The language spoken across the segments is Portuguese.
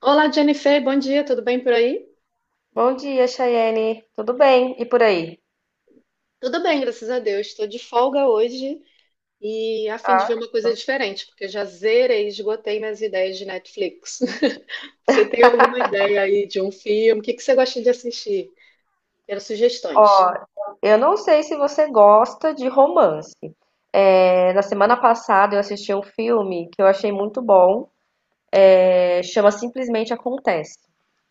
Olá, Jennifer, bom dia, tudo bem por aí? Bom dia, Chayene. Tudo bem? E por aí? Tudo bem, graças a Deus. Estou de folga hoje e a fim de ver Ah, uma que coisa bom. diferente, porque eu já zerei, esgotei minhas ideias de Netflix. Você tem alguma ideia aí de um filme? O que que você gosta de assistir? Quero Ó, sugestões. eu não sei se você gosta de romance. Na semana passada eu assisti um filme que eu achei muito bom. Chama Simplesmente Acontece.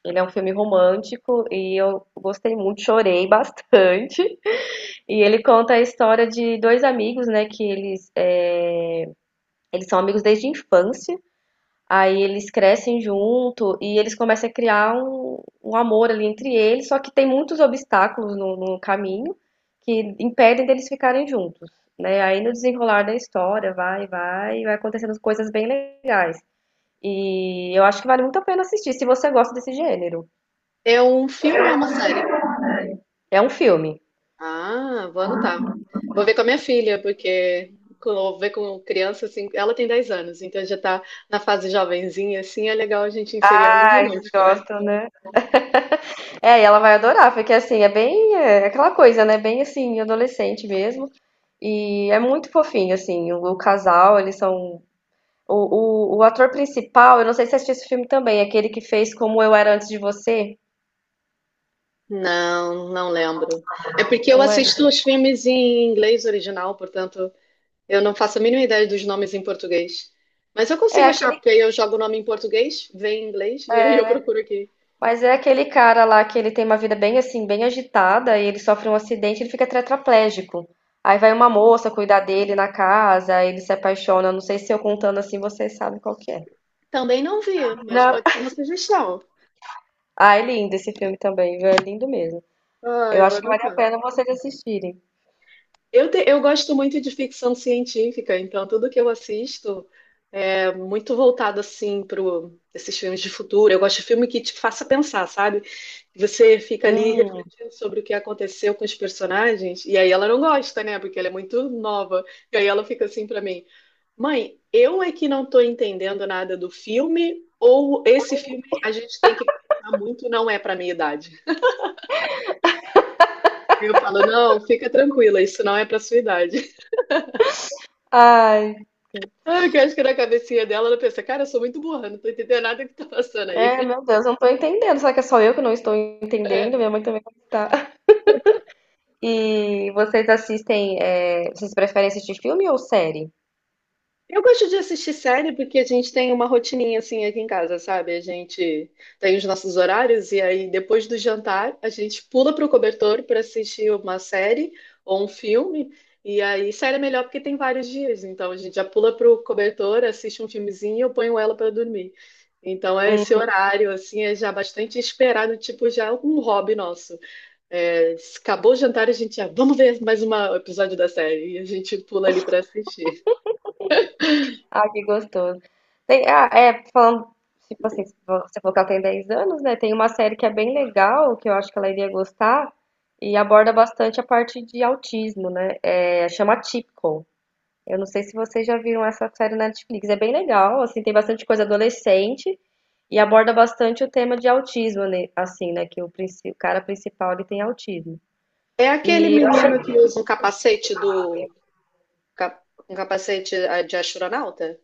Ele é um filme romântico e eu gostei muito, chorei bastante. E ele conta a história de dois amigos, né? Eles são amigos desde a infância. Aí eles crescem junto e eles começam a criar um amor ali entre eles, só que tem muitos obstáculos no caminho que impedem deles ficarem juntos, né? Aí no desenrolar da história vai acontecendo coisas bem legais. E eu acho que vale muito a pena assistir se você gosta desse gênero. É um filme ou uma série? É um filme. Ah, vou anotar. Vou ver com a minha filha, porque quando eu vou ver com criança, assim, ela tem 10 anos, então já está na fase jovenzinha, assim, é legal a gente inserir algo Ah, eles romântico, né? gostam, né? É, e ela vai adorar, porque assim, é bem é aquela coisa, né? Bem assim, adolescente mesmo. E é muito fofinho, assim, o casal, eles são o ator principal, eu não sei se você assistiu esse filme também, aquele que fez Como Eu Era Antes de Você, Não, não lembro. É porque eu não lembro. assisto os filmes em inglês original, portanto, eu não faço a mínima ideia dos nomes em português. Mas eu É consigo achar, aquele, porque aí eu jogo o nome em português, vem em inglês, e aí eu procuro aqui. mas é aquele cara lá que ele tem uma vida bem assim, bem agitada, e ele sofre um acidente, ele fica tetraplégico. Aí vai uma moça cuidar dele na casa, aí ele se apaixona. Não sei se eu contando assim, vocês sabem qual que é. Também não vi, mas Não. pode ser uma sugestão. Ah, é lindo esse filme também, viu? É lindo mesmo. Ai, Eu vou acho que vale a anotar. pena vocês assistirem. Eu gosto muito de ficção científica, então tudo que eu assisto é muito voltado assim para esses filmes de futuro. Eu gosto de filme que te faça pensar, sabe? Você fica ali Hum. refletindo sobre o que aconteceu com os personagens, e aí ela não gosta, né? Porque ela é muito nova. E aí ela fica assim para mim: Mãe, eu é que não estou entendendo nada do filme, ou esse filme a gente tem que pensar muito, não é para minha idade. Aí eu falo: Não, fica tranquila, isso não é para sua idade. Ai, Ah, que eu acho que na cabecinha dela ela pensa, cara, eu sou muito burra, não tô entendendo nada que tá passando aí. é, meu Deus, eu não tô entendendo. Será que é só eu que não estou entendendo? Minha mãe também não tá. E vocês assistem, vocês preferem assistir filme ou série? Eu gosto de assistir série porque a gente tem uma rotininha assim aqui em casa, sabe? A gente tem os nossos horários e aí depois do jantar a gente pula pro cobertor para assistir uma série ou um filme. E aí série é melhor porque tem vários dias, então a gente já pula pro cobertor, assiste um filmezinho e eu ponho ela para dormir. Então é esse Uhum. horário assim é já bastante esperado, tipo já um hobby nosso. É, acabou o jantar, a gente já, vamos ver mais um episódio da série. E a gente pula ali pra assistir. Ah, que gostoso. Tem, ah, é, falando, Tipo assim, você falou que ela tem 10 anos, né? Tem uma série que é bem legal, que eu acho que ela iria gostar, e aborda bastante a parte de autismo, né? Chama Atypical. Eu não sei se vocês já viram essa série na Netflix. É bem legal, assim, tem bastante coisa adolescente e aborda bastante o tema de autismo, né? Assim, né? Que o, o cara principal, ele tem autismo. É aquele E eu menino que usa um capacete do. cap- Um capacete de astronauta?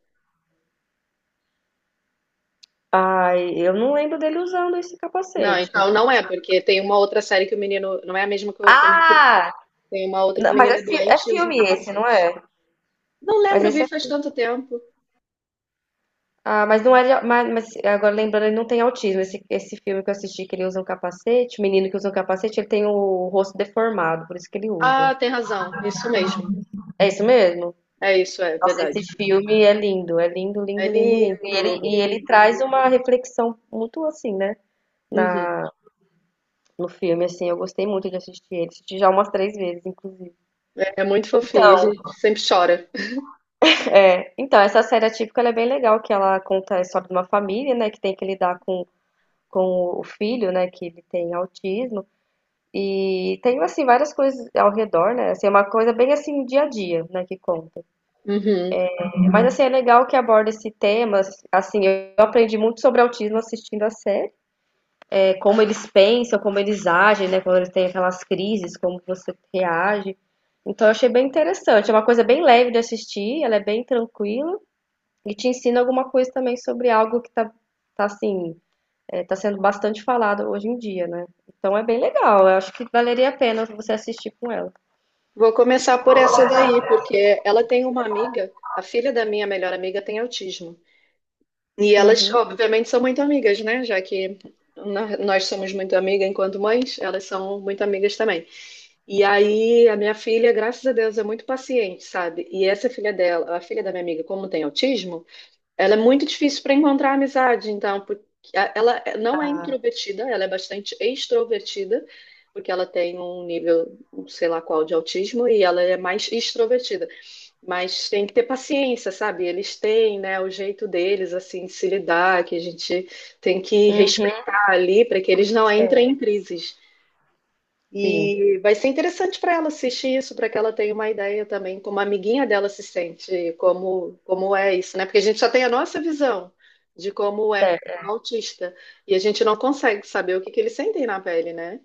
ai, eu não lembro dele usando esse Não, capacete. então não é, porque tem uma outra série que o menino. Não é a mesma que eu tô me referindo. Ah! Tem uma outra que Não, o mas menino é, é é doente e usa um filme esse, não capacete. é? Não Mas lembro, esse vi é. faz fi- tanto tempo. Ah, mas não é. Mas agora lembrando, ele não tem autismo. Esse filme que eu assisti, que ele usa um capacete, o menino que usa um capacete, ele tem o rosto deformado, por isso que ele usa. Ah, tem razão. Isso mesmo. É isso mesmo? É isso, é Nossa, verdade. esse filme é lindo, É lindo, lindo, lindo. E ele, lindo, muito e ele lindo. traz uma reflexão muito assim, né? Uhum. Na, no filme, assim, eu gostei muito de assistir ele. Assisti já umas 3 vezes, inclusive. É muito fofinho, a Então. gente sempre chora. É, então, essa série atípica ela é bem legal, que ela conta a história de uma família, né, que tem que lidar com o filho, né, que ele tem autismo. E tem, assim, várias coisas ao redor, né? Assim, é uma coisa bem, assim, dia a dia, né, que conta. Uhum. Mas, assim, é legal que aborda esse tema. Assim, eu aprendi muito sobre autismo assistindo a série. É, como eles pensam, como eles agem, né? Quando eles têm aquelas crises, como você reage. Então, eu achei bem interessante. É uma coisa bem leve de assistir, ela é bem tranquila. E te ensina alguma coisa também sobre algo que tá assim, tá sendo bastante falado hoje em dia, né? Então é bem legal. Eu acho que valeria a pena você assistir com ela. Vou começar por essa daí, porque ela tem uma amiga, a filha da minha melhor amiga tem autismo. E elas, Uhum, obviamente, são muito amigas, né? Já que nós somos muito amigas enquanto mães, elas são muito amigas também. E aí, a minha filha, graças a Deus, é muito paciente, sabe? E essa filha dela, a filha da minha amiga, como tem autismo, ela é muito difícil para encontrar amizade, então, porque ela não é introvertida, ela é bastante extrovertida, porque ela tem um nível, um sei lá qual, de autismo, e ela é mais extrovertida. Mas tem que ter paciência, sabe? Eles têm, né, o jeito deles, assim, de se lidar, que a gente tem que uhum, respeitar ali para que eles não entrem em diferente. crises. Sim, E vai ser interessante para ela assistir isso, para que ela tenha uma ideia também, como a amiguinha dela se sente, como, como é isso, né? Porque a gente só tem a nossa visão de como é um certo, autista, e a gente não consegue saber o que que eles sentem na pele, né?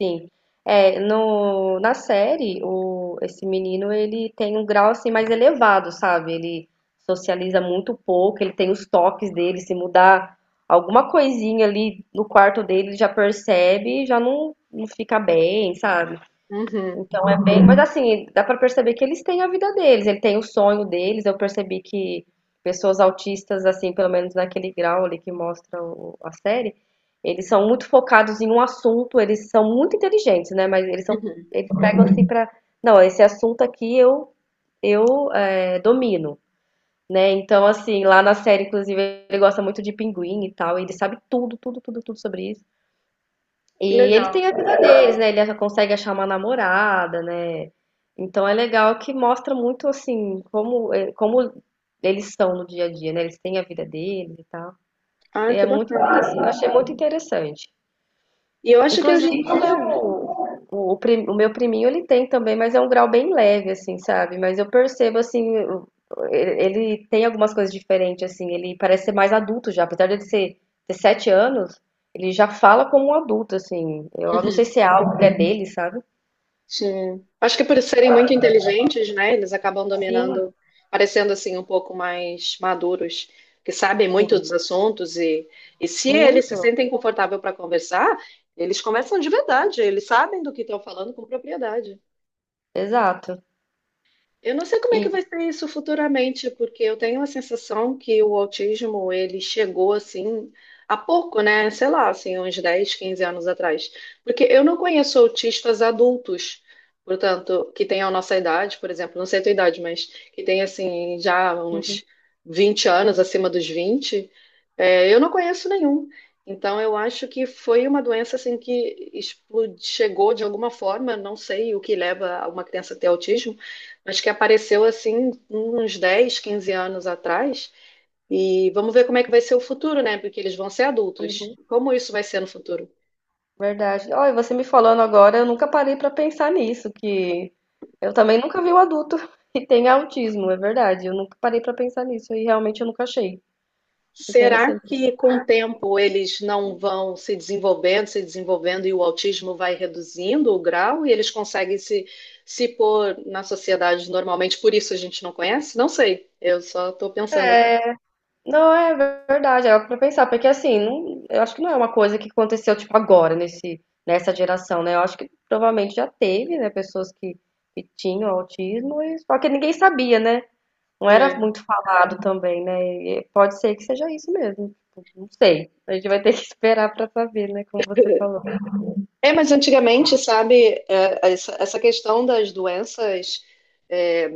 sim. É, no, na série, o, esse menino, ele tem um grau, assim, mais elevado, sabe? Ele socializa muito pouco, ele tem os toques dele, se mudar alguma coisinha ali no quarto dele, ele já percebe, e já não, não fica bem, sabe? Uhum, Então é bem, mas assim, dá pra perceber que eles têm a vida deles, ele tem o sonho deles. Eu percebi que pessoas autistas, assim, pelo menos naquele grau ali que mostra a série, eles são muito focados em um assunto, eles são muito inteligentes, né? Mas eles são, uhum. eles pegam assim pra, não, esse assunto aqui eu domino, né? Então assim, lá na série, inclusive, ele gosta muito de pinguim e tal, e ele sabe tudo, tudo, tudo, tudo sobre isso. Que E ele legal. tem a vida deles, né? Ele já consegue achar uma namorada, né? Então é legal que mostra muito assim como, como eles são no dia a dia, né? Eles têm a vida deles e tal. E Ah, é que muito bacana. interessante, eu achei muito interessante. E eu acho que hoje em Inclusive, dia. o, o meu priminho ele tem também, mas é um grau bem leve, assim, sabe? Mas eu percebo, assim, ele ele tem algumas coisas diferentes, assim. Ele parece ser mais adulto já, apesar ter 7 anos, ele já fala como um adulto, assim. Eu não sei se é algo que é dele, sabe? Sim. Acho que por serem muito inteligentes, né, eles acabam Sim, dominando, parecendo assim um pouco mais maduros, que sabem muito sim, dos assuntos e se eles se muito, sentem confortáveis para conversar, eles conversam de verdade, eles sabem do que estão falando com propriedade. exato. Eu não sei como é que E, vai ser isso futuramente, porque eu tenho a sensação que o autismo, ele chegou assim há pouco, né? Sei lá, assim, uns 10, 15 anos atrás. Porque eu não conheço autistas adultos, portanto, que tenham a nossa idade, por exemplo, não sei a tua idade, mas que tem assim já uns 20 anos, acima dos 20, eu não conheço nenhum. Então, eu acho que foi uma doença assim que explodiu, chegou de alguma forma, não sei o que leva uma criança a ter autismo. Acho que apareceu assim uns 10, 15 anos atrás. E vamos ver como é que vai ser o futuro, né? Porque eles vão ser adultos. uhum, Como isso vai ser no futuro? verdade. Olha, você me falando agora, eu nunca parei pra pensar nisso, que eu também nunca vi um adulto que tenha autismo, é verdade. Eu nunca parei pra pensar nisso e realmente eu nunca achei Será interessante. que com o tempo eles não vão se desenvolvendo, se desenvolvendo e o autismo vai reduzindo o grau e eles conseguem se, se pôr na sociedade normalmente? Por isso a gente não conhece? Não sei, eu só estou pensando aqui. Não, é verdade, é algo pra pensar, porque assim, eu acho que não é uma coisa que aconteceu tipo agora nesse nessa geração, né? Eu acho que provavelmente já teve, né, pessoas que tinham autismo, só que ninguém sabia, né? Não era É. muito falado também, né? E pode ser que seja isso mesmo. Não sei. A gente vai ter que esperar pra saber, né, como você falou. É, mas antigamente, sabe, essa questão das doenças é,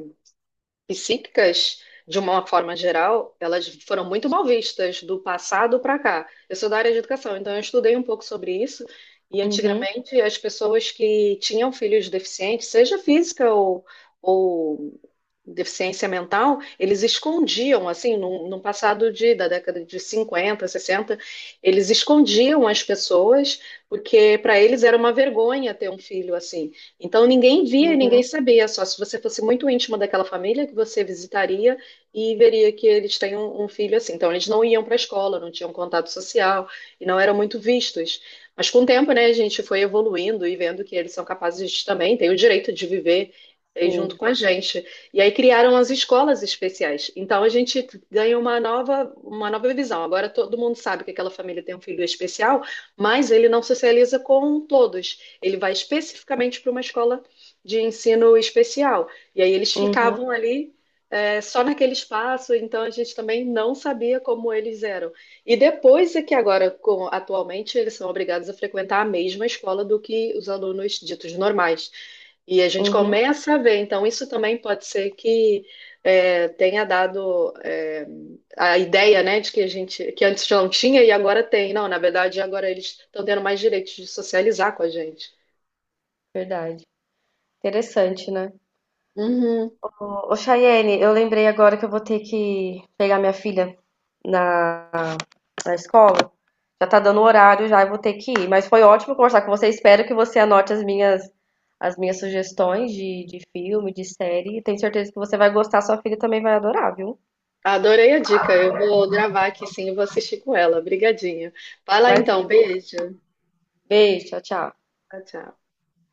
psíquicas, de uma forma geral, elas foram muito mal vistas do passado para cá. Eu sou da área de educação, então eu estudei um pouco sobre isso. E Uhum, antigamente, as pessoas que tinham filhos deficientes, seja física ou deficiência mental, eles escondiam, assim, num passado de, da década de 50, 60 eles escondiam as pessoas, porque para eles era uma vergonha ter um filho assim. Então ninguém via e ninguém uhum, sabia, só se você fosse muito íntimo daquela família que você visitaria e veria que eles têm um filho assim. Então eles não iam para a escola, não tinham contato social e não eram muito vistos. Mas com o tempo, né, a gente foi evoluindo e vendo que eles são capazes de, também, têm o direito de viver junto sim. com a gente. E aí criaram as escolas especiais. Então a gente ganha uma nova visão. Agora todo mundo sabe que aquela família tem um filho especial, mas ele não socializa com todos. Ele vai especificamente para uma escola de ensino especial. E aí eles Uhum, ficavam ali, só naquele espaço, então a gente também não sabia como eles eram. E depois é que agora, atualmente, eles são obrigados a frequentar a mesma escola do que os alunos ditos normais. E a gente uhum. começa a ver, então isso também pode ser que tenha dado a ideia, né, de que a gente, que antes não tinha e agora tem. Não, na verdade, agora eles estão tendo mais direitos de socializar com a gente. Verdade. Interessante, né? Uhum. Chayene, eu lembrei agora que eu vou ter que pegar minha filha na, na escola. Já tá dando o horário já, eu vou ter que ir. Mas foi ótimo conversar com você. Espero que você anote as minhas sugestões de filme, de série. Tenho certeza que você vai gostar, sua filha também vai adorar, viu? Adorei a dica. Eu vou gravar aqui sim, eu vou assistir com ela. Obrigadinho. Vai lá Imagina. então, beijo. Beijo, tchau, tchau. Tchau, tchau.